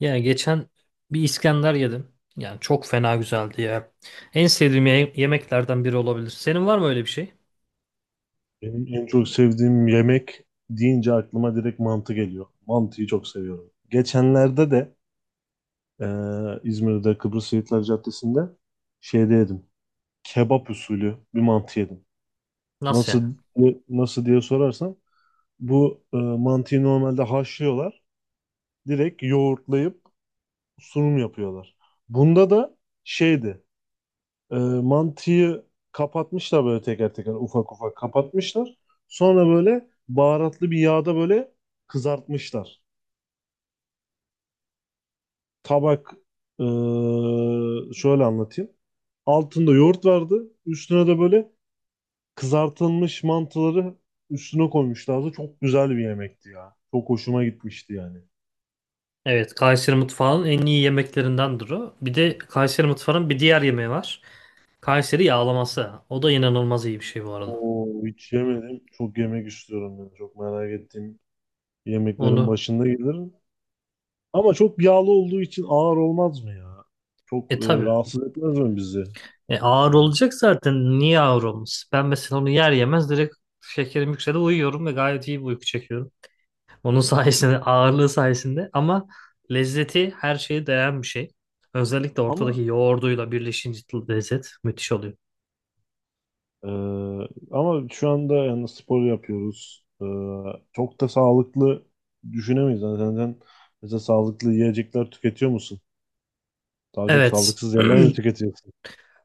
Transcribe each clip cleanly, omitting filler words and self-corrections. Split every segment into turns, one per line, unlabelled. Ya geçen bir İskender yedim. Yani çok fena güzeldi ya. En sevdiğim yemeklerden biri olabilir. Senin var mı öyle bir şey?
Benim en çok sevdiğim yemek deyince aklıma direkt mantı geliyor. Mantıyı çok seviyorum. Geçenlerde de e, İzmir'de Kıbrıs Şehitler Caddesi'nde şeyde yedim. Kebap usulü bir mantı yedim.
Nasıl yani?
Nasıl nasıl diye sorarsan bu mantıyı normalde haşlıyorlar. Direkt yoğurtlayıp sunum yapıyorlar. Bunda da şeydi. E, Mantıyı kapatmışlar, böyle teker teker ufak ufak kapatmışlar. Sonra böyle baharatlı bir yağda böyle kızartmışlar. Tabak e, şöyle anlatayım. Altında yoğurt vardı. Üstüne de böyle kızartılmış mantıları üstüne koymuşlardı. Çok güzel bir yemekti ya. Çok hoşuma gitmişti yani.
Evet, Kayseri mutfağının en iyi yemeklerindendir o. Bir de Kayseri mutfağının bir diğer yemeği var. Kayseri yağlaması. O da inanılmaz iyi bir şey bu arada.
Oo, hiç yemedim. Çok yemek istiyorum ben. Çok merak ettiğim yemeklerin
Onu
başında gelirim. Ama çok yağlı olduğu için ağır olmaz mı ya? Çok
tabii.
rahatsız etmez mi bizi?
Ağır
Hmm.
olacak zaten. Niye ağır olmuş? Ben mesela onu yer yemez direkt şekerim yükseldi uyuyorum ve gayet iyi bir uyku çekiyorum. Onun sayesinde, ağırlığı sayesinde ama lezzeti her şeye değen bir şey. Özellikle ortadaki
Ama
yoğurduyla birleşince lezzet müthiş oluyor.
e, ama şu anda yani spor yapıyoruz. Çok da sağlıklı düşünemeyiz. Yani sen mesela sağlıklı yiyecekler tüketiyor musun? Daha çok
Evet.
sağlıksız yerler mi tüketiyorsun?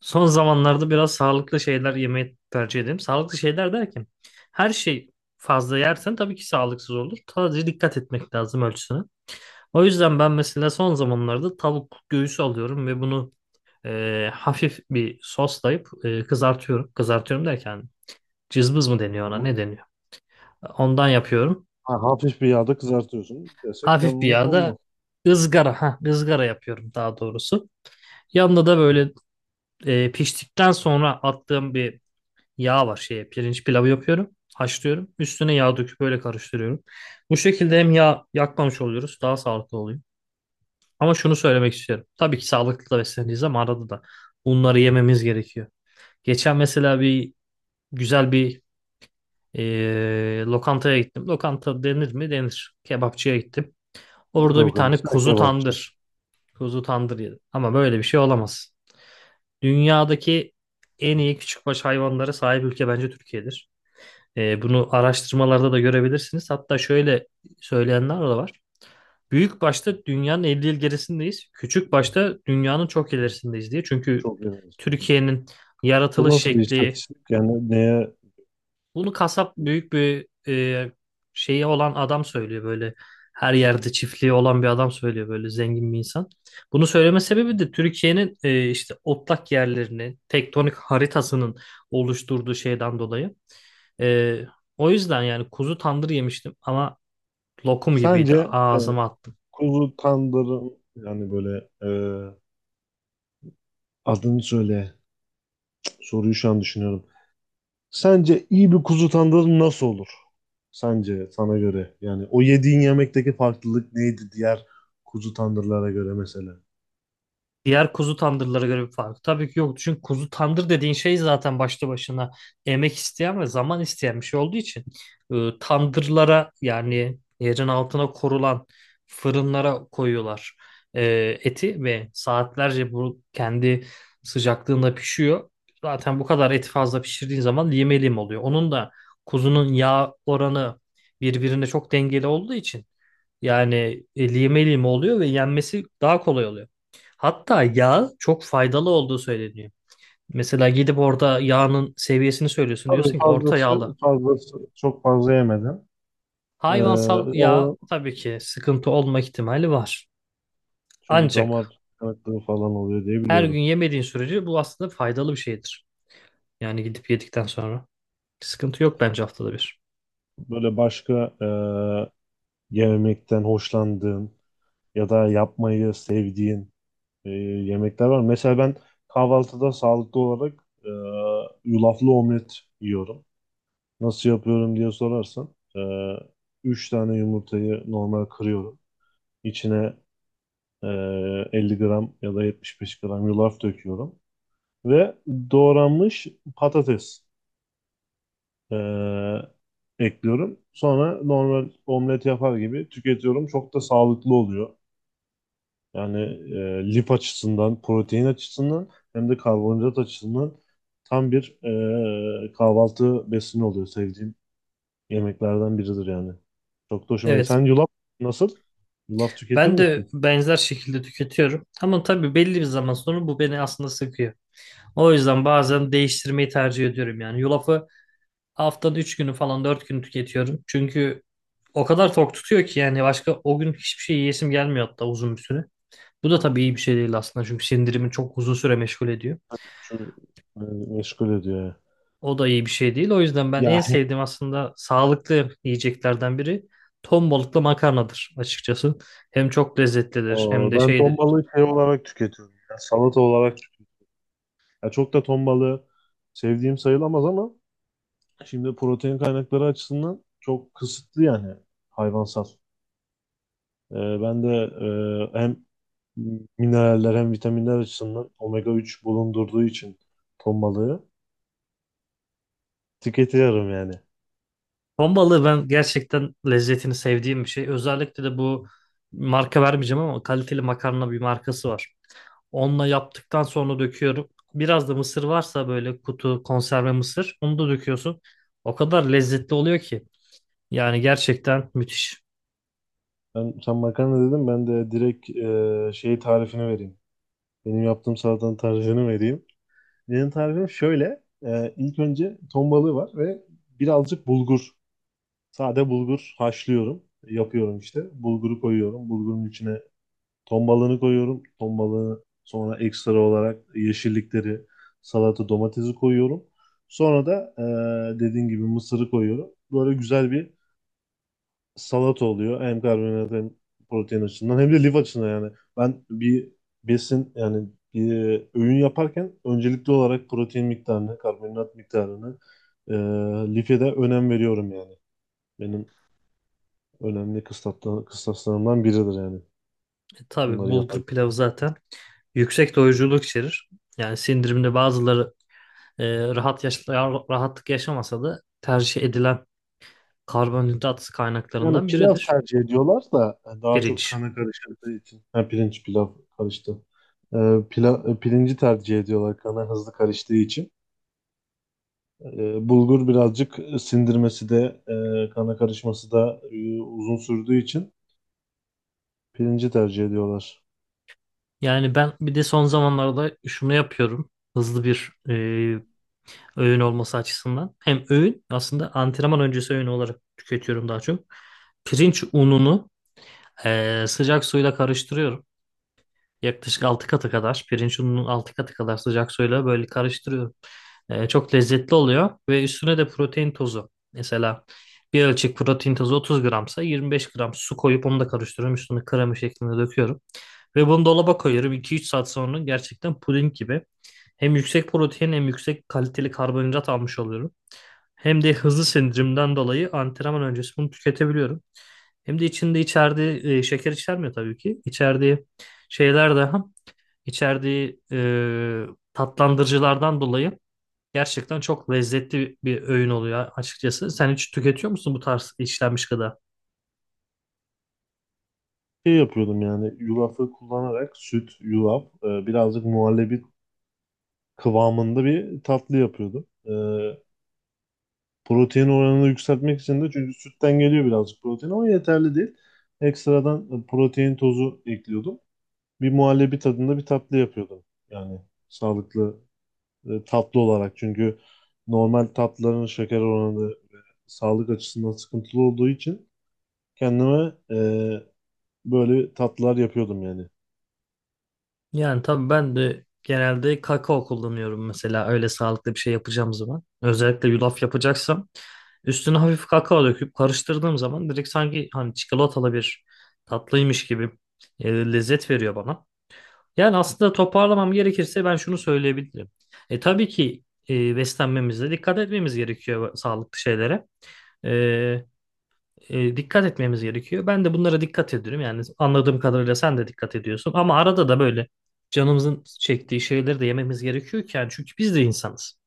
Son zamanlarda biraz sağlıklı şeyler yemeyi tercih ederim. Sağlıklı şeyler derken her şey fazla yersen tabii ki sağlıksız olur. Sadece dikkat etmek lazım ölçüsüne. O yüzden ben mesela son zamanlarda tavuk göğsü alıyorum ve bunu hafif bir soslayıp kızartıyorum. Kızartıyorum derken cızbız mı deniyor ona
Ama
ne deniyor? Ondan yapıyorum.
ha, hafif bir yağda kızartıyorsun desek
Hafif bir
yanlış
yağda
olmaz.
ızgara, ha ızgara yapıyorum daha doğrusu. Yanında da böyle piştikten sonra attığım bir yağ var şeye pirinç pilavı yapıyorum. Haşlıyorum. Üstüne yağ döküp böyle karıştırıyorum. Bu şekilde hem yağ yakmamış oluyoruz, daha sağlıklı oluyor. Ama şunu söylemek istiyorum. Tabii ki sağlıklı da besleneceğiz ama arada da bunları yememiz gerekiyor. Geçen mesela bir güzel bir lokantaya gittim. Lokanta denir mi? Denir. Kebapçıya gittim.
Ne
Orada bir tane
organdısı? Ha,
kuzu
kebapçı.
tandır. Kuzu tandır yedim. Ama böyle bir şey olamaz. Dünyadaki en iyi küçükbaş hayvanlara sahip ülke bence Türkiye'dir. Bunu araştırmalarda da görebilirsiniz. Hatta şöyle söyleyenler de var. Büyük başta dünyanın 50 yıl gerisindeyiz. Küçük başta dünyanın çok ilerisindeyiz diye. Çünkü
Çok yanlış.
Türkiye'nin
Bu
yaratılış
nasıl bir
şekli,
istatistik? Yani neye?
bunu kasap büyük bir şeyi olan adam söylüyor böyle. Her yerde çiftliği olan bir adam söylüyor böyle zengin bir insan. Bunu söyleme sebebi de Türkiye'nin işte otlak yerlerinin tektonik haritasının oluşturduğu şeyden dolayı. E, O yüzden yani kuzu tandır yemiştim ama lokum gibiydi
Sence
ağzıma attım.
kuzu tandırın yani böyle adını söyle. Soruyu şu an düşünüyorum. Sence iyi bir kuzu tandırı nasıl olur? Sence sana göre yani o yediğin yemekteki farklılık neydi diğer kuzu tandırlara göre mesela?
Diğer kuzu tandırlara göre bir fark. Tabii ki yok. Çünkü kuzu tandır dediğin şey zaten başlı başına emek isteyen ve zaman isteyen bir şey olduğu için tandırlara yani yerin altına korulan fırınlara koyuyorlar e, eti ve saatlerce bu kendi sıcaklığında pişiyor. Zaten bu kadar eti fazla pişirdiğin zaman lime lim oluyor. Onun da kuzunun yağ oranı birbirine çok dengeli olduğu için yani lime lime oluyor ve yenmesi daha kolay oluyor. Hatta yağ çok faydalı olduğu söyleniyor. Mesela gidip orada yağının seviyesini söylüyorsun.
Tabii
Diyorsun ki orta
fazlası
yağlı.
fazlası çok fazla yemedim. Ee,
Hayvansal yağ
o
tabii ki sıkıntı olma ihtimali var.
çünkü
Ancak
damar tıkanıklığı falan oluyor diye
her gün
biliyorum.
yemediğin sürece bu aslında faydalı bir şeydir. Yani gidip yedikten sonra. Sıkıntı yok bence haftada bir.
Böyle başka yemekten hoşlandığın ya da yapmayı sevdiğin yemekler var. Mesela ben kahvaltıda sağlıklı olarak yulaflı omlet yiyorum. Nasıl yapıyorum diye sorarsan 3 tane yumurtayı normal kırıyorum. İçine e, 50 gram ya da 75 gram yulaf döküyorum. Ve doğranmış patates e, ekliyorum. Sonra normal omlet yapar gibi tüketiyorum. Çok da sağlıklı oluyor. Yani lif açısından, protein açısından hem de karbonhidrat açısından tam bir kahvaltı besini oluyor. Sevdiğim yemeklerden biridir yani. Çok da hoşuma gidiyor.
Evet.
Sen yulaf nasıl? Yulaf tüketir
Ben de
misin?
benzer şekilde tüketiyorum. Ama tabii belli bir zaman sonra bu beni aslında sıkıyor. O yüzden bazen değiştirmeyi tercih ediyorum yani. Yulafı haftanın 3 günü falan 4 günü tüketiyorum. Çünkü o kadar tok tutuyor ki yani başka o gün hiçbir şey yiyesim gelmiyor hatta uzun bir süre. Bu da tabii iyi bir şey değil aslında çünkü sindirimi çok uzun süre meşgul ediyor.
Şu e, meşgul ediyor ya.
O da iyi bir şey değil. O yüzden ben
Ya
en sevdiğim aslında sağlıklı yiyeceklerden biri ton balıklı makarnadır açıkçası. Hem çok lezzetlidir hem
o,
de
ben ton
şeydir.
balığı şey olarak tüketiyorum, ya, salata olarak tüketiyorum. Ya çok da ton balığı sevdiğim sayılamaz ama şimdi protein kaynakları açısından çok kısıtlı yani hayvansal. Ee, ben de hem mineraller hem vitaminler açısından omega 3 bulundurduğu için ton balığı tüketiyorum yani.
Ton balığı ben gerçekten lezzetini sevdiğim bir şey. Özellikle de bu marka vermeyeceğim ama kaliteli makarna bir markası var. Onunla yaptıktan sonra döküyorum. Biraz da mısır varsa böyle kutu konserve mısır onu da döküyorsun. O kadar lezzetli oluyor ki. Yani gerçekten müthiş.
Ben, sen makarna dedim, ben de direkt şeyi tarifini vereyim. Benim yaptığım salatanın tarifini vereyim. Benim tarifim şöyle. E, ilk önce ton balığı var ve birazcık bulgur. Sade bulgur haşlıyorum. Yapıyorum işte. Bulguru koyuyorum. Bulgurun içine ton balığını koyuyorum. Ton balığını sonra ekstra olarak yeşillikleri, salata, domatesi koyuyorum. Sonra da dediğin gibi mısırı koyuyorum. Böyle güzel bir salata oluyor. Hem karbonhidrat hem protein açısından hem de lif açısından yani. Ben bir besin yani bir öğün yaparken öncelikli olarak protein miktarını, karbonhidrat miktarını, eee life de önem veriyorum yani. Benim önemli kıstaslarımdan biridir yani
E, tabii
bunları
bulgur
yaparken.
pilavı zaten yüksek doyuruculuk içerir. Yani sindirimde bazıları rahat yaş rahatlık yaşamasa da tercih edilen karbonhidrat
Yani
kaynaklarından
pilav
biridir
tercih ediyorlar da daha çok
pirinç.
kana karıştığı için. Ha, pirinç pilav karıştı. E, pirinci tercih ediyorlar kana hızlı karıştığı için. E, bulgur birazcık sindirmesi de kana karışması da uzun sürdüğü için pirinci tercih ediyorlar.
Yani ben bir de son zamanlarda şunu yapıyorum. Hızlı bir öğün olması açısından. Hem öğün aslında antrenman öncesi öğün olarak tüketiyorum daha çok. Pirinç ununu sıcak suyla karıştırıyorum. Yaklaşık 6 katı kadar pirinç ununun 6 katı kadar sıcak suyla böyle karıştırıyorum. Çok lezzetli oluyor ve üstüne de protein tozu. Mesela bir ölçek protein tozu 30 gramsa 25 gram su koyup onu da karıştırıyorum. Üstüne krema şeklinde döküyorum. Ve bunu dolaba koyuyorum. İki üç saat sonra gerçekten puding gibi. Hem yüksek protein hem yüksek kaliteli karbonhidrat almış oluyorum. Hem de hızlı sindirimden dolayı antrenman öncesi bunu tüketebiliyorum. Hem de içerdiği şeker içermiyor tabii ki. İçerdiği şeyler daha içerdiği e, tatlandırıcılardan dolayı gerçekten çok lezzetli bir öğün oluyor açıkçası. Sen hiç tüketiyor musun bu tarz işlenmiş gıda?
Şey yapıyordum yani yulafı kullanarak süt, yulaf, birazcık muhallebi kıvamında bir tatlı yapıyordum. Protein oranını yükseltmek için de çünkü sütten geliyor birazcık protein ama yeterli değil. Ekstradan protein tozu ekliyordum. Bir muhallebi tadında bir tatlı yapıyordum. Yani sağlıklı tatlı olarak çünkü normal tatlıların şeker oranı ve sağlık açısından sıkıntılı olduğu için kendime böyle tatlılar yapıyordum yani.
Yani tabii ben de genelde kakao kullanıyorum mesela öyle sağlıklı bir şey yapacağım zaman. Özellikle yulaf yapacaksam üstüne hafif kakao döküp karıştırdığım zaman direkt sanki hani çikolatalı bir tatlıymış gibi lezzet veriyor bana. Yani aslında toparlamam gerekirse ben şunu söyleyebilirim. E tabii ki beslenmemize dikkat etmemiz gerekiyor sağlıklı şeylere. E, Dikkat etmemiz gerekiyor. Ben de bunlara dikkat ediyorum. Yani anladığım kadarıyla sen de dikkat ediyorsun. Ama arada da böyle canımızın çektiği şeyleri de yememiz gerekiyor ki. Yani çünkü biz de insanız.